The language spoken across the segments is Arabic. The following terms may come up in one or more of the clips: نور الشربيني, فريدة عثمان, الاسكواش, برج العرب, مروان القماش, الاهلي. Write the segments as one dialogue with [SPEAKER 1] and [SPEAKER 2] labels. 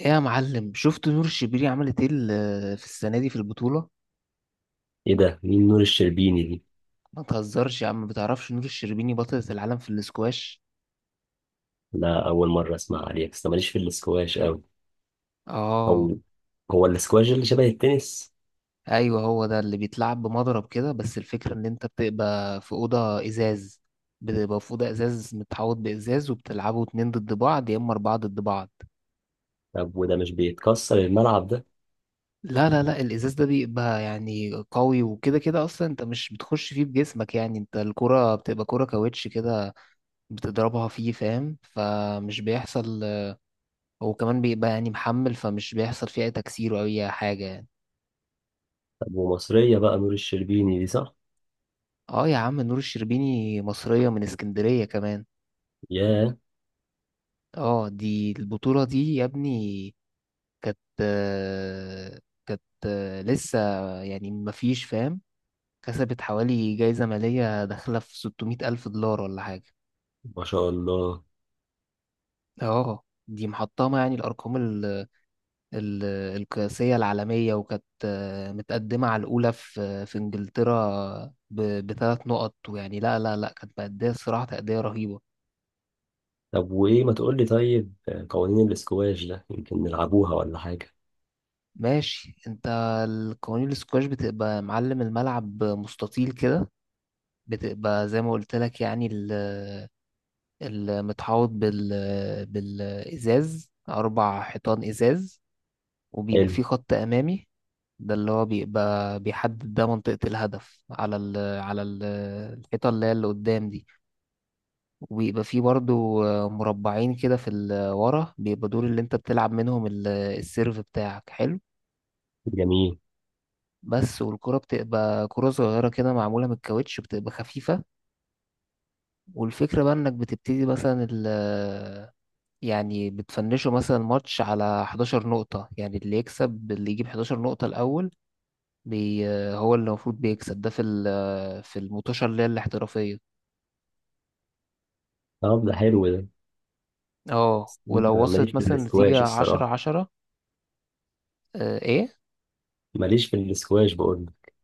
[SPEAKER 1] ايه يا معلم؟ شفت نور الشربيني عملت ايه في السنه دي في البطوله؟
[SPEAKER 2] ايه ده، مين نور الشربيني دي؟
[SPEAKER 1] ما تهزرش يا عم، ما بتعرفش نور الشربيني بطلة العالم في الاسكواش؟
[SPEAKER 2] لا، اول مره اسمع عليها، بس أنا ماليش في الاسكواش قوي.
[SPEAKER 1] اه،
[SPEAKER 2] هو هو الاسكواش اللي شبه التنس؟
[SPEAKER 1] ايوه هو ده اللي بيتلعب بمضرب كده، بس الفكره ان انت بتبقى في اوضه ازاز، متحوط بازاز، وبتلعبوا اتنين ضد بعض يا اما اربعه ضد بعض.
[SPEAKER 2] طب وده مش بيتكسر الملعب ده؟
[SPEAKER 1] لا، الازاز ده بيبقى يعني قوي، وكده كده اصلا انت مش بتخش فيه بجسمك، يعني انت الكره بتبقى كره كاوتش كده، بتضربها فيه، فاهم؟ فمش بيحصل. وكمان بيبقى يعني محمل، فمش بيحصل فيه أي تكسير أو أي حاجة يعني.
[SPEAKER 2] طب ومصريه بقى نور الشربيني دي، صح؟
[SPEAKER 1] اه يا عم، نور الشربيني مصرية من اسكندرية كمان.
[SPEAKER 2] ياه،
[SPEAKER 1] اه، دي البطولة دي يا ابني كانت لسه يعني مفيش، فاهم؟ كسبت حوالي جايزة مالية داخلة في 600 ألف دولار ولا حاجة.
[SPEAKER 2] ما شاء الله.
[SPEAKER 1] اه، دي محطمة يعني الأرقام ال- القياسية العالمية، وكانت متقدمة على الأولى في في إنجلترا بثلاث نقط، ويعني لا، كانت مأدية الصراحة تأدية رهيبة.
[SPEAKER 2] طب وايه، ما تقول لي؟ طيب، قوانين الاسكواش ده يمكن نلعبوها ولا حاجه؟
[SPEAKER 1] ماشي انت. القوانين السكواش بتبقى معلم، الملعب مستطيل كده، بتبقى زي ما قلت لك يعني المتحوط بال بالإزاز، أربع حيطان إزاز، وبيبقى
[SPEAKER 2] حلو.
[SPEAKER 1] في خط امامي. ده اللي هو بيبقى بيحدد ده منطقة الهدف على على الحيطة اللي هي اللي قدام دي، وبيبقى فيه برضو مربعين كده في ورا، بيبقى دول اللي انت بتلعب منهم السيرف بتاعك، حلو.
[SPEAKER 2] جميل.
[SPEAKER 1] بس، والكرة بتبقى كرة صغيرة كده، معمولة من الكاوتش، بتبقى خفيفة. والفكرة بقى انك بتبتدي مثلا يعني بتفنشوا مثلا الماتش على 11 نقطة، يعني اللي يكسب اللي يجيب 11 نقطة الأول بي هو اللي المفروض بيكسب ده في في المطوشة اللي هي الاحترافية.
[SPEAKER 2] طب ده حلو ده.
[SPEAKER 1] اه ولو
[SPEAKER 2] أنا ماليش
[SPEAKER 1] وصلت
[SPEAKER 2] في
[SPEAKER 1] مثلا
[SPEAKER 2] الاسكواش
[SPEAKER 1] نتيجة عشرة
[SPEAKER 2] الصراحه،
[SPEAKER 1] عشرة. آه ايه.
[SPEAKER 2] ماليش في الاسكواش بقول لك.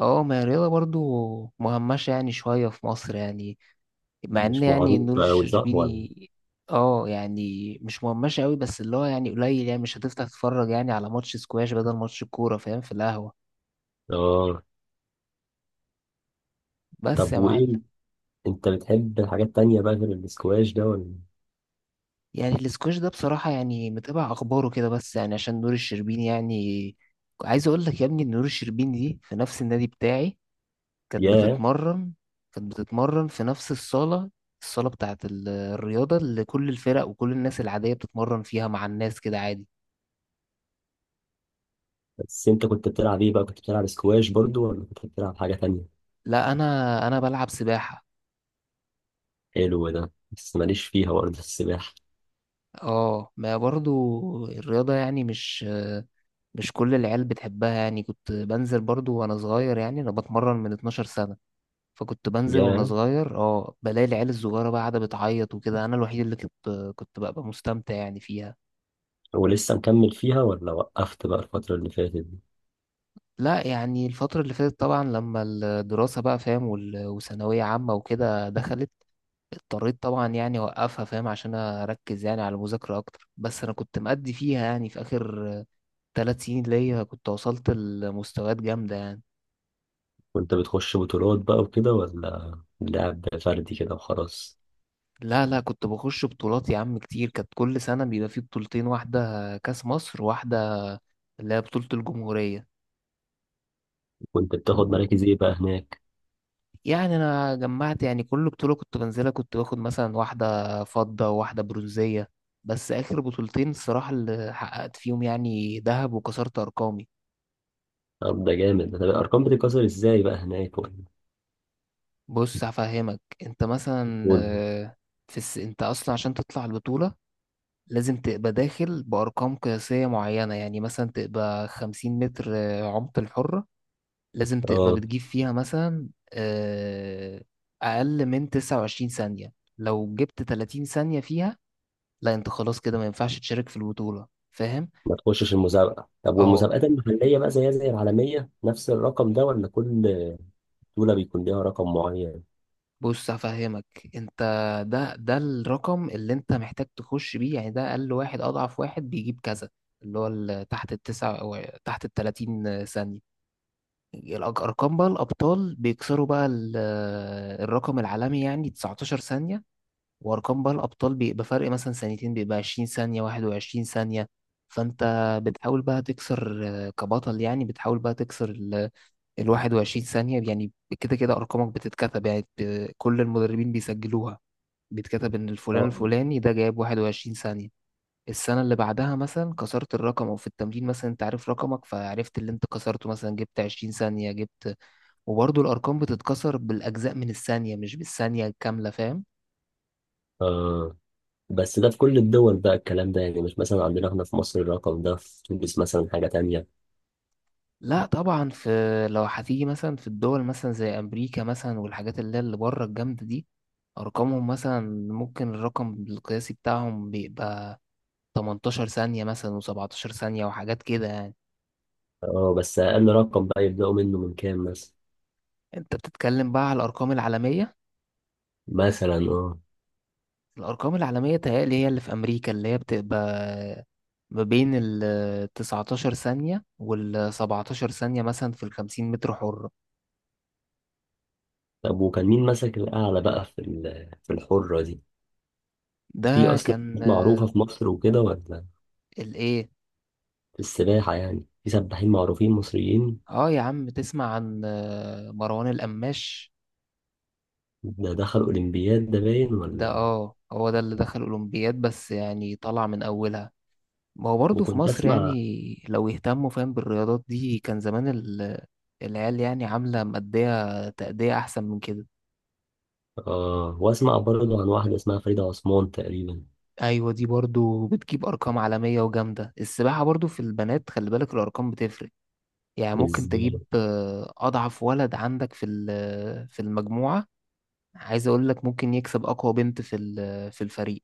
[SPEAKER 1] اه ما هي الرياضة برضو مهمشة يعني شوية في مصر يعني، مع ان
[SPEAKER 2] مش
[SPEAKER 1] يعني
[SPEAKER 2] معروف
[SPEAKER 1] نور
[SPEAKER 2] قوي، صح ولا؟
[SPEAKER 1] الشربيني، اه يعني مش مهمشة قوي، بس اللي هو يعني قليل، يعني مش هتفتح تتفرج يعني على ماتش سكواش بدل ماتش الكورة، فاهم؟ في القهوة.
[SPEAKER 2] اه.
[SPEAKER 1] بس
[SPEAKER 2] طب
[SPEAKER 1] يا
[SPEAKER 2] وايه،
[SPEAKER 1] معلم.
[SPEAKER 2] انت بتحب الحاجات التانية بقى غير الاسكواش ده ولا؟
[SPEAKER 1] يعني الاسكواش ده بصراحة يعني متابع أخباره كده بس يعني عشان نور الشربيني يعني. عايز أقول لك يا ابني إن نور الشربيني دي في نفس النادي بتاعي كانت
[SPEAKER 2] ياه.
[SPEAKER 1] بتتمرن، في نفس الصالة، الصالة بتاعة الرياضة اللي كل الفرق وكل الناس العادية بتتمرن فيها مع الناس كده عادي.
[SPEAKER 2] بس انت كنت بتلعب ايه بقى؟ كنت بتلعب اسكواش برضو ولا كنت بتلعب حاجة تانية؟
[SPEAKER 1] لا أنا بلعب سباحة.
[SPEAKER 2] حلو ده، بس ماليش فيها برضه السباحة.
[SPEAKER 1] اه، ما برضو الرياضة يعني مش، مش كل العيال بتحبها يعني. كنت بنزل برضو وأنا صغير، يعني أنا بتمرن من 12 سنة، فكنت بنزل وانا
[SPEAKER 2] ياه.
[SPEAKER 1] صغير، اه بلاقي العيال الصغيره بقى قاعده بتعيط وكده، انا الوحيد اللي كنت كنت ببقى مستمتع يعني فيها.
[SPEAKER 2] ولسه مكمل فيها ولا وقفت بقى الفترة اللي فاتت دي؟
[SPEAKER 1] لا يعني الفتره اللي فاتت طبعا لما الدراسه بقى، فاهم؟ وثانويه عامه وكده دخلت، اضطريت طبعا يعني اوقفها، فاهم؟ عشان اركز يعني على المذاكره اكتر. بس انا كنت مأدي فيها يعني في اخر ثلاث سنين ليا، كنت وصلت لمستويات جامده يعني.
[SPEAKER 2] كنت بتخش بطولات بقى وكده ولا لعب فردي كده وخلاص؟
[SPEAKER 1] لا، كنت بخش بطولات يا عم كتير، كانت كل سنه بيبقى في بطولتين، واحده كاس مصر، وواحده اللي هي بطوله الجمهوريه.
[SPEAKER 2] كنت بتاخد مراكز ايه بقى هناك؟
[SPEAKER 1] يعني انا جمعت يعني كل بطوله كنت بنزلها كنت باخد مثلا واحده فضه وواحده برونزيه، بس اخر بطولتين الصراحه اللي حققت فيهم يعني ذهب وكسرت ارقامي.
[SPEAKER 2] طب ده جامد ده. الارقام بتتكسر ازاي بقى هناك ولا؟
[SPEAKER 1] بص هفهمك، انت مثلا
[SPEAKER 2] قول.
[SPEAKER 1] انت اصلا عشان تطلع البطوله لازم تبقى داخل بارقام قياسيه معينه، يعني مثلا تبقى 50 متر عمق الحره، لازم تبقى
[SPEAKER 2] اه.
[SPEAKER 1] بتجيب فيها مثلا اقل من 29 ثانيه. لو جبت 30 ثانيه فيها، لا انت خلاص كده ما ينفعش تشارك في البطولة، فاهم؟
[SPEAKER 2] ما تخشش المسابقة. طب
[SPEAKER 1] اه.
[SPEAKER 2] والمسابقات المحلية بقى زيها زي العالمية، نفس الرقم ده ولا كل دولة بيكون ليها رقم معين؟
[SPEAKER 1] بص هفهمك انت، ده الرقم اللي انت محتاج تخش بيه، يعني ده اقل واحد، اضعف واحد بيجيب كذا، اللي هو تحت التسعة او تحت التلاتين ثانية. ارقام بقى الابطال بيكسروا بقى الرقم العالمي يعني 19 ثانية، وارقام بقى الابطال بيبقى فرق مثلا ثانيتين، بيبقى 20 ثانية 21 ثانية. فانت بتحاول بقى تكسر كبطل، يعني بتحاول بقى تكسر ال 21 ثانية يعني. كده كده أرقامك بتتكتب يعني كل المدربين بيسجلوها، بيتكتب إن الفلان
[SPEAKER 2] اه.
[SPEAKER 1] الفلاني ده جايب 21 ثانية. السنة اللي بعدها مثلا كسرت الرقم، أو في التمرين مثلا أنت عارف رقمك، فعرفت اللي أنت كسرته، مثلا جبت 20 ثانية جبت. وبرضه الأرقام بتتكسر بالأجزاء من الثانية مش بالثانية الكاملة، فاهم؟
[SPEAKER 2] آه. بس ده في كل الدول بقى الكلام ده، يعني مش مثلا عندنا احنا في مصر الرقم ده في تونس مثلا حاجة تانية؟
[SPEAKER 1] لا طبعا، في، لو هتيجي مثلا في الدول مثلا زي أمريكا مثلا والحاجات اللي هي اللي بره الجامدة دي، أرقامهم مثلا ممكن الرقم القياسي بتاعهم بيبقى 18 ثانية مثلا و17 ثانية وحاجات كده يعني.
[SPEAKER 2] اه، بس أقل رقم بقى يبدأوا منه من كام مثلا؟
[SPEAKER 1] انت بتتكلم بقى على الأرقام العالمية.
[SPEAKER 2] مثلا اه.
[SPEAKER 1] الأرقام العالمية تهيألي هي اللي في أمريكا، اللي هي بتبقى ما بين ال 19 ثانية وال 17 ثانية مثلا في ال 50 متر حرة.
[SPEAKER 2] طب وكان مين ماسك الأعلى بقى في في الحرة دي؟ في
[SPEAKER 1] ده
[SPEAKER 2] أصلا
[SPEAKER 1] كان.
[SPEAKER 2] ناس معروفة في مصر وكده ولا؟
[SPEAKER 1] الإيه؟
[SPEAKER 2] في السباحة يعني، في سباحين معروفين مصريين؟
[SPEAKER 1] اه يا عم، تسمع عن مروان القماش؟
[SPEAKER 2] ده دخل أولمبياد ده باين
[SPEAKER 1] ده
[SPEAKER 2] ولا؟
[SPEAKER 1] اه هو ده اللي دخل أولمبياد، بس يعني طلع من أولها. ما هو برضه في
[SPEAKER 2] وكنت
[SPEAKER 1] مصر يعني
[SPEAKER 2] اسمع.
[SPEAKER 1] لو يهتموا، فاهم؟ بالرياضات دي كان زمان العيال يعني عاملة مأدية تأدية أحسن من كده.
[SPEAKER 2] آه، واسمع برضه عن واحدة اسمها فريدة عثمان تقريبا.
[SPEAKER 1] أيوة، دي برضو بتجيب أرقام عالمية وجامدة. السباحة برضو في البنات خلي بالك الأرقام بتفرق، يعني ممكن
[SPEAKER 2] ازاي؟
[SPEAKER 1] تجيب أضعف ولد عندك في في المجموعة. عايز أقول لك ممكن يكسب أقوى بنت في في الفريق.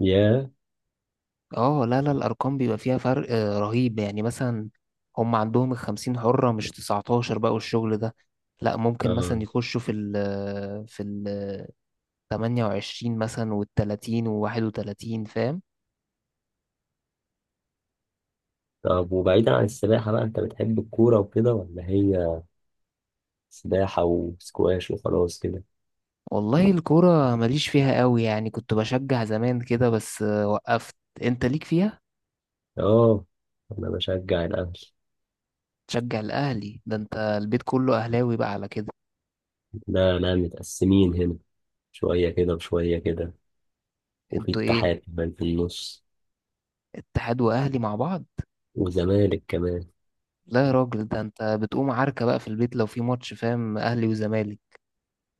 [SPEAKER 2] يا.
[SPEAKER 1] اه، لا، الأرقام بيبقى فيها فرق رهيب يعني. مثلا هم عندهم الخمسين حرة مش تسعتاشر بقى والشغل ده، لا ممكن مثلا
[SPEAKER 2] آه.
[SPEAKER 1] يخشوا في في ال 28 مثلا والتلاتين وواحد وتلاتين، فاهم؟
[SPEAKER 2] طب وبعيدا عن السباحة بقى، انت بتحب الكورة وكده ولا هي سباحة وسكواش وخلاص كده؟
[SPEAKER 1] والله الكورة ماليش فيها قوي، يعني كنت بشجع زمان كده بس وقفت. انت ليك فيها؟
[SPEAKER 2] اه، انا بشجع الاهلي.
[SPEAKER 1] تشجع الأهلي؟ ده انت البيت كله أهلاوي بقى على كده.
[SPEAKER 2] لا لا، متقسمين هنا، شوية كده وشوية كده، وفي
[SPEAKER 1] انتوا ايه؟
[SPEAKER 2] اتحاد كمان في النص.
[SPEAKER 1] اتحاد وأهلي مع بعض؟
[SPEAKER 2] وزمالك كمان.
[SPEAKER 1] لا يا راجل، ده انت بتقوم عركة بقى في البيت لو في ماتش، فاهم؟ أهلي وزمالك.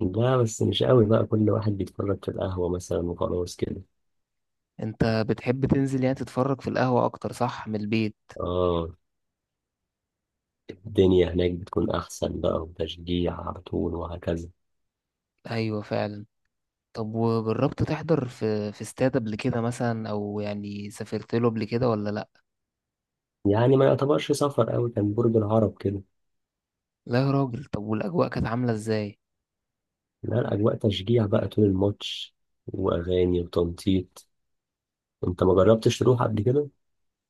[SPEAKER 2] لا بس مش قوي بقى، كل واحد بيتفرج في القهوة مثلا وخلاص كده.
[SPEAKER 1] انت بتحب تنزل يعني تتفرج في القهوة أكتر صح من البيت؟
[SPEAKER 2] اه، الدنيا هناك بتكون أحسن بقى، وتشجيع على طول وهكذا.
[SPEAKER 1] أيوة فعلا. طب وجربت تحضر في في استاد قبل كده مثلا، أو يعني سافرت له قبل كده ولا لأ؟
[SPEAKER 2] يعني ما يعتبرش سفر أوي، كان برج العرب كده.
[SPEAKER 1] لا يا راجل، طب والأجواء كانت عاملة ازاي؟
[SPEAKER 2] لا، الأجواء تشجيع بقى طول الماتش، وأغاني وتنطيط. أنت ما جربتش تروح قبل كده؟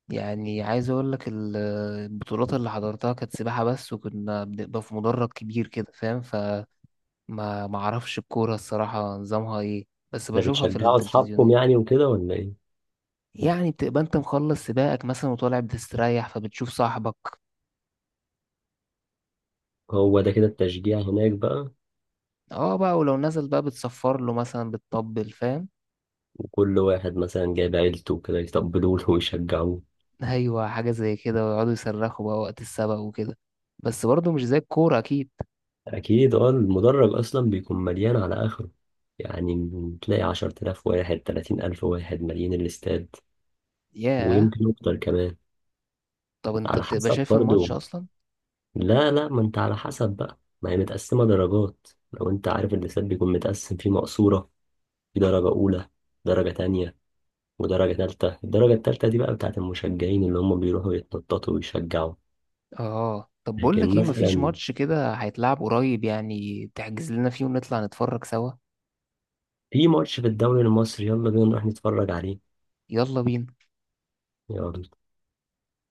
[SPEAKER 1] يعني عايز اقول لك البطولات اللي حضرتها كانت سباحة بس، وكنا بنبقى في مدرج كبير كده، فاهم؟ فما ما اعرفش الكورة الصراحة نظامها ايه، بس
[SPEAKER 2] ده
[SPEAKER 1] بشوفها في
[SPEAKER 2] بتشجعوا أصحابكم
[SPEAKER 1] التلفزيونات.
[SPEAKER 2] يعني وكده ولا إيه؟
[SPEAKER 1] يعني بتبقى انت مخلص سباقك مثلا وطالع بتستريح، فبتشوف صاحبك.
[SPEAKER 2] هو ده كده التشجيع هناك بقى.
[SPEAKER 1] اه بقى، ولو نزل بقى بتصفر له مثلا، بتطبل، فاهم؟
[SPEAKER 2] وكل واحد مثلا جايب عيلته كده يتقبلوا له ويشجعوه.
[SPEAKER 1] ايوه حاجة زي كده، ويقعدوا يصرخوا بقى وقت السبق وكده، بس برضه مش زي الكورة اكيد.
[SPEAKER 2] أكيد. أه، المدرج أصلا بيكون مليان على آخره، يعني تلاقي 10 آلاف واحد، 30 ألف واحد، مليان الاستاد.
[SPEAKER 1] ياه.
[SPEAKER 2] ويمكن أكتر كمان.
[SPEAKER 1] طب انت
[SPEAKER 2] على
[SPEAKER 1] بتبقى
[SPEAKER 2] حسب
[SPEAKER 1] شايف الماتش
[SPEAKER 2] برضو.
[SPEAKER 1] اصلا؟
[SPEAKER 2] لا لا، ما انت على حسب بقى، ما هي متقسمة درجات. لو انت عارف، اللسات بيكون متقسم، فيه مقصورة، في درجة أولى، درجة تانية، ودرجة تالتة. الدرجة التالتة دي بقى بتاعت المشجعين، اللي هم بيروحوا يتنططوا ويشجعوا.
[SPEAKER 1] اه، طب بقول
[SPEAKER 2] لكن
[SPEAKER 1] لك ايه، مفيش
[SPEAKER 2] مثلا
[SPEAKER 1] ماتش كده هيتلعب قريب يعني تحجز لنا فيه ونطلع نتفرج سوا؟
[SPEAKER 2] في ماتش في الدوري المصري، يلا بينا نروح نتفرج عليه.
[SPEAKER 1] يلا بينا.
[SPEAKER 2] يلا.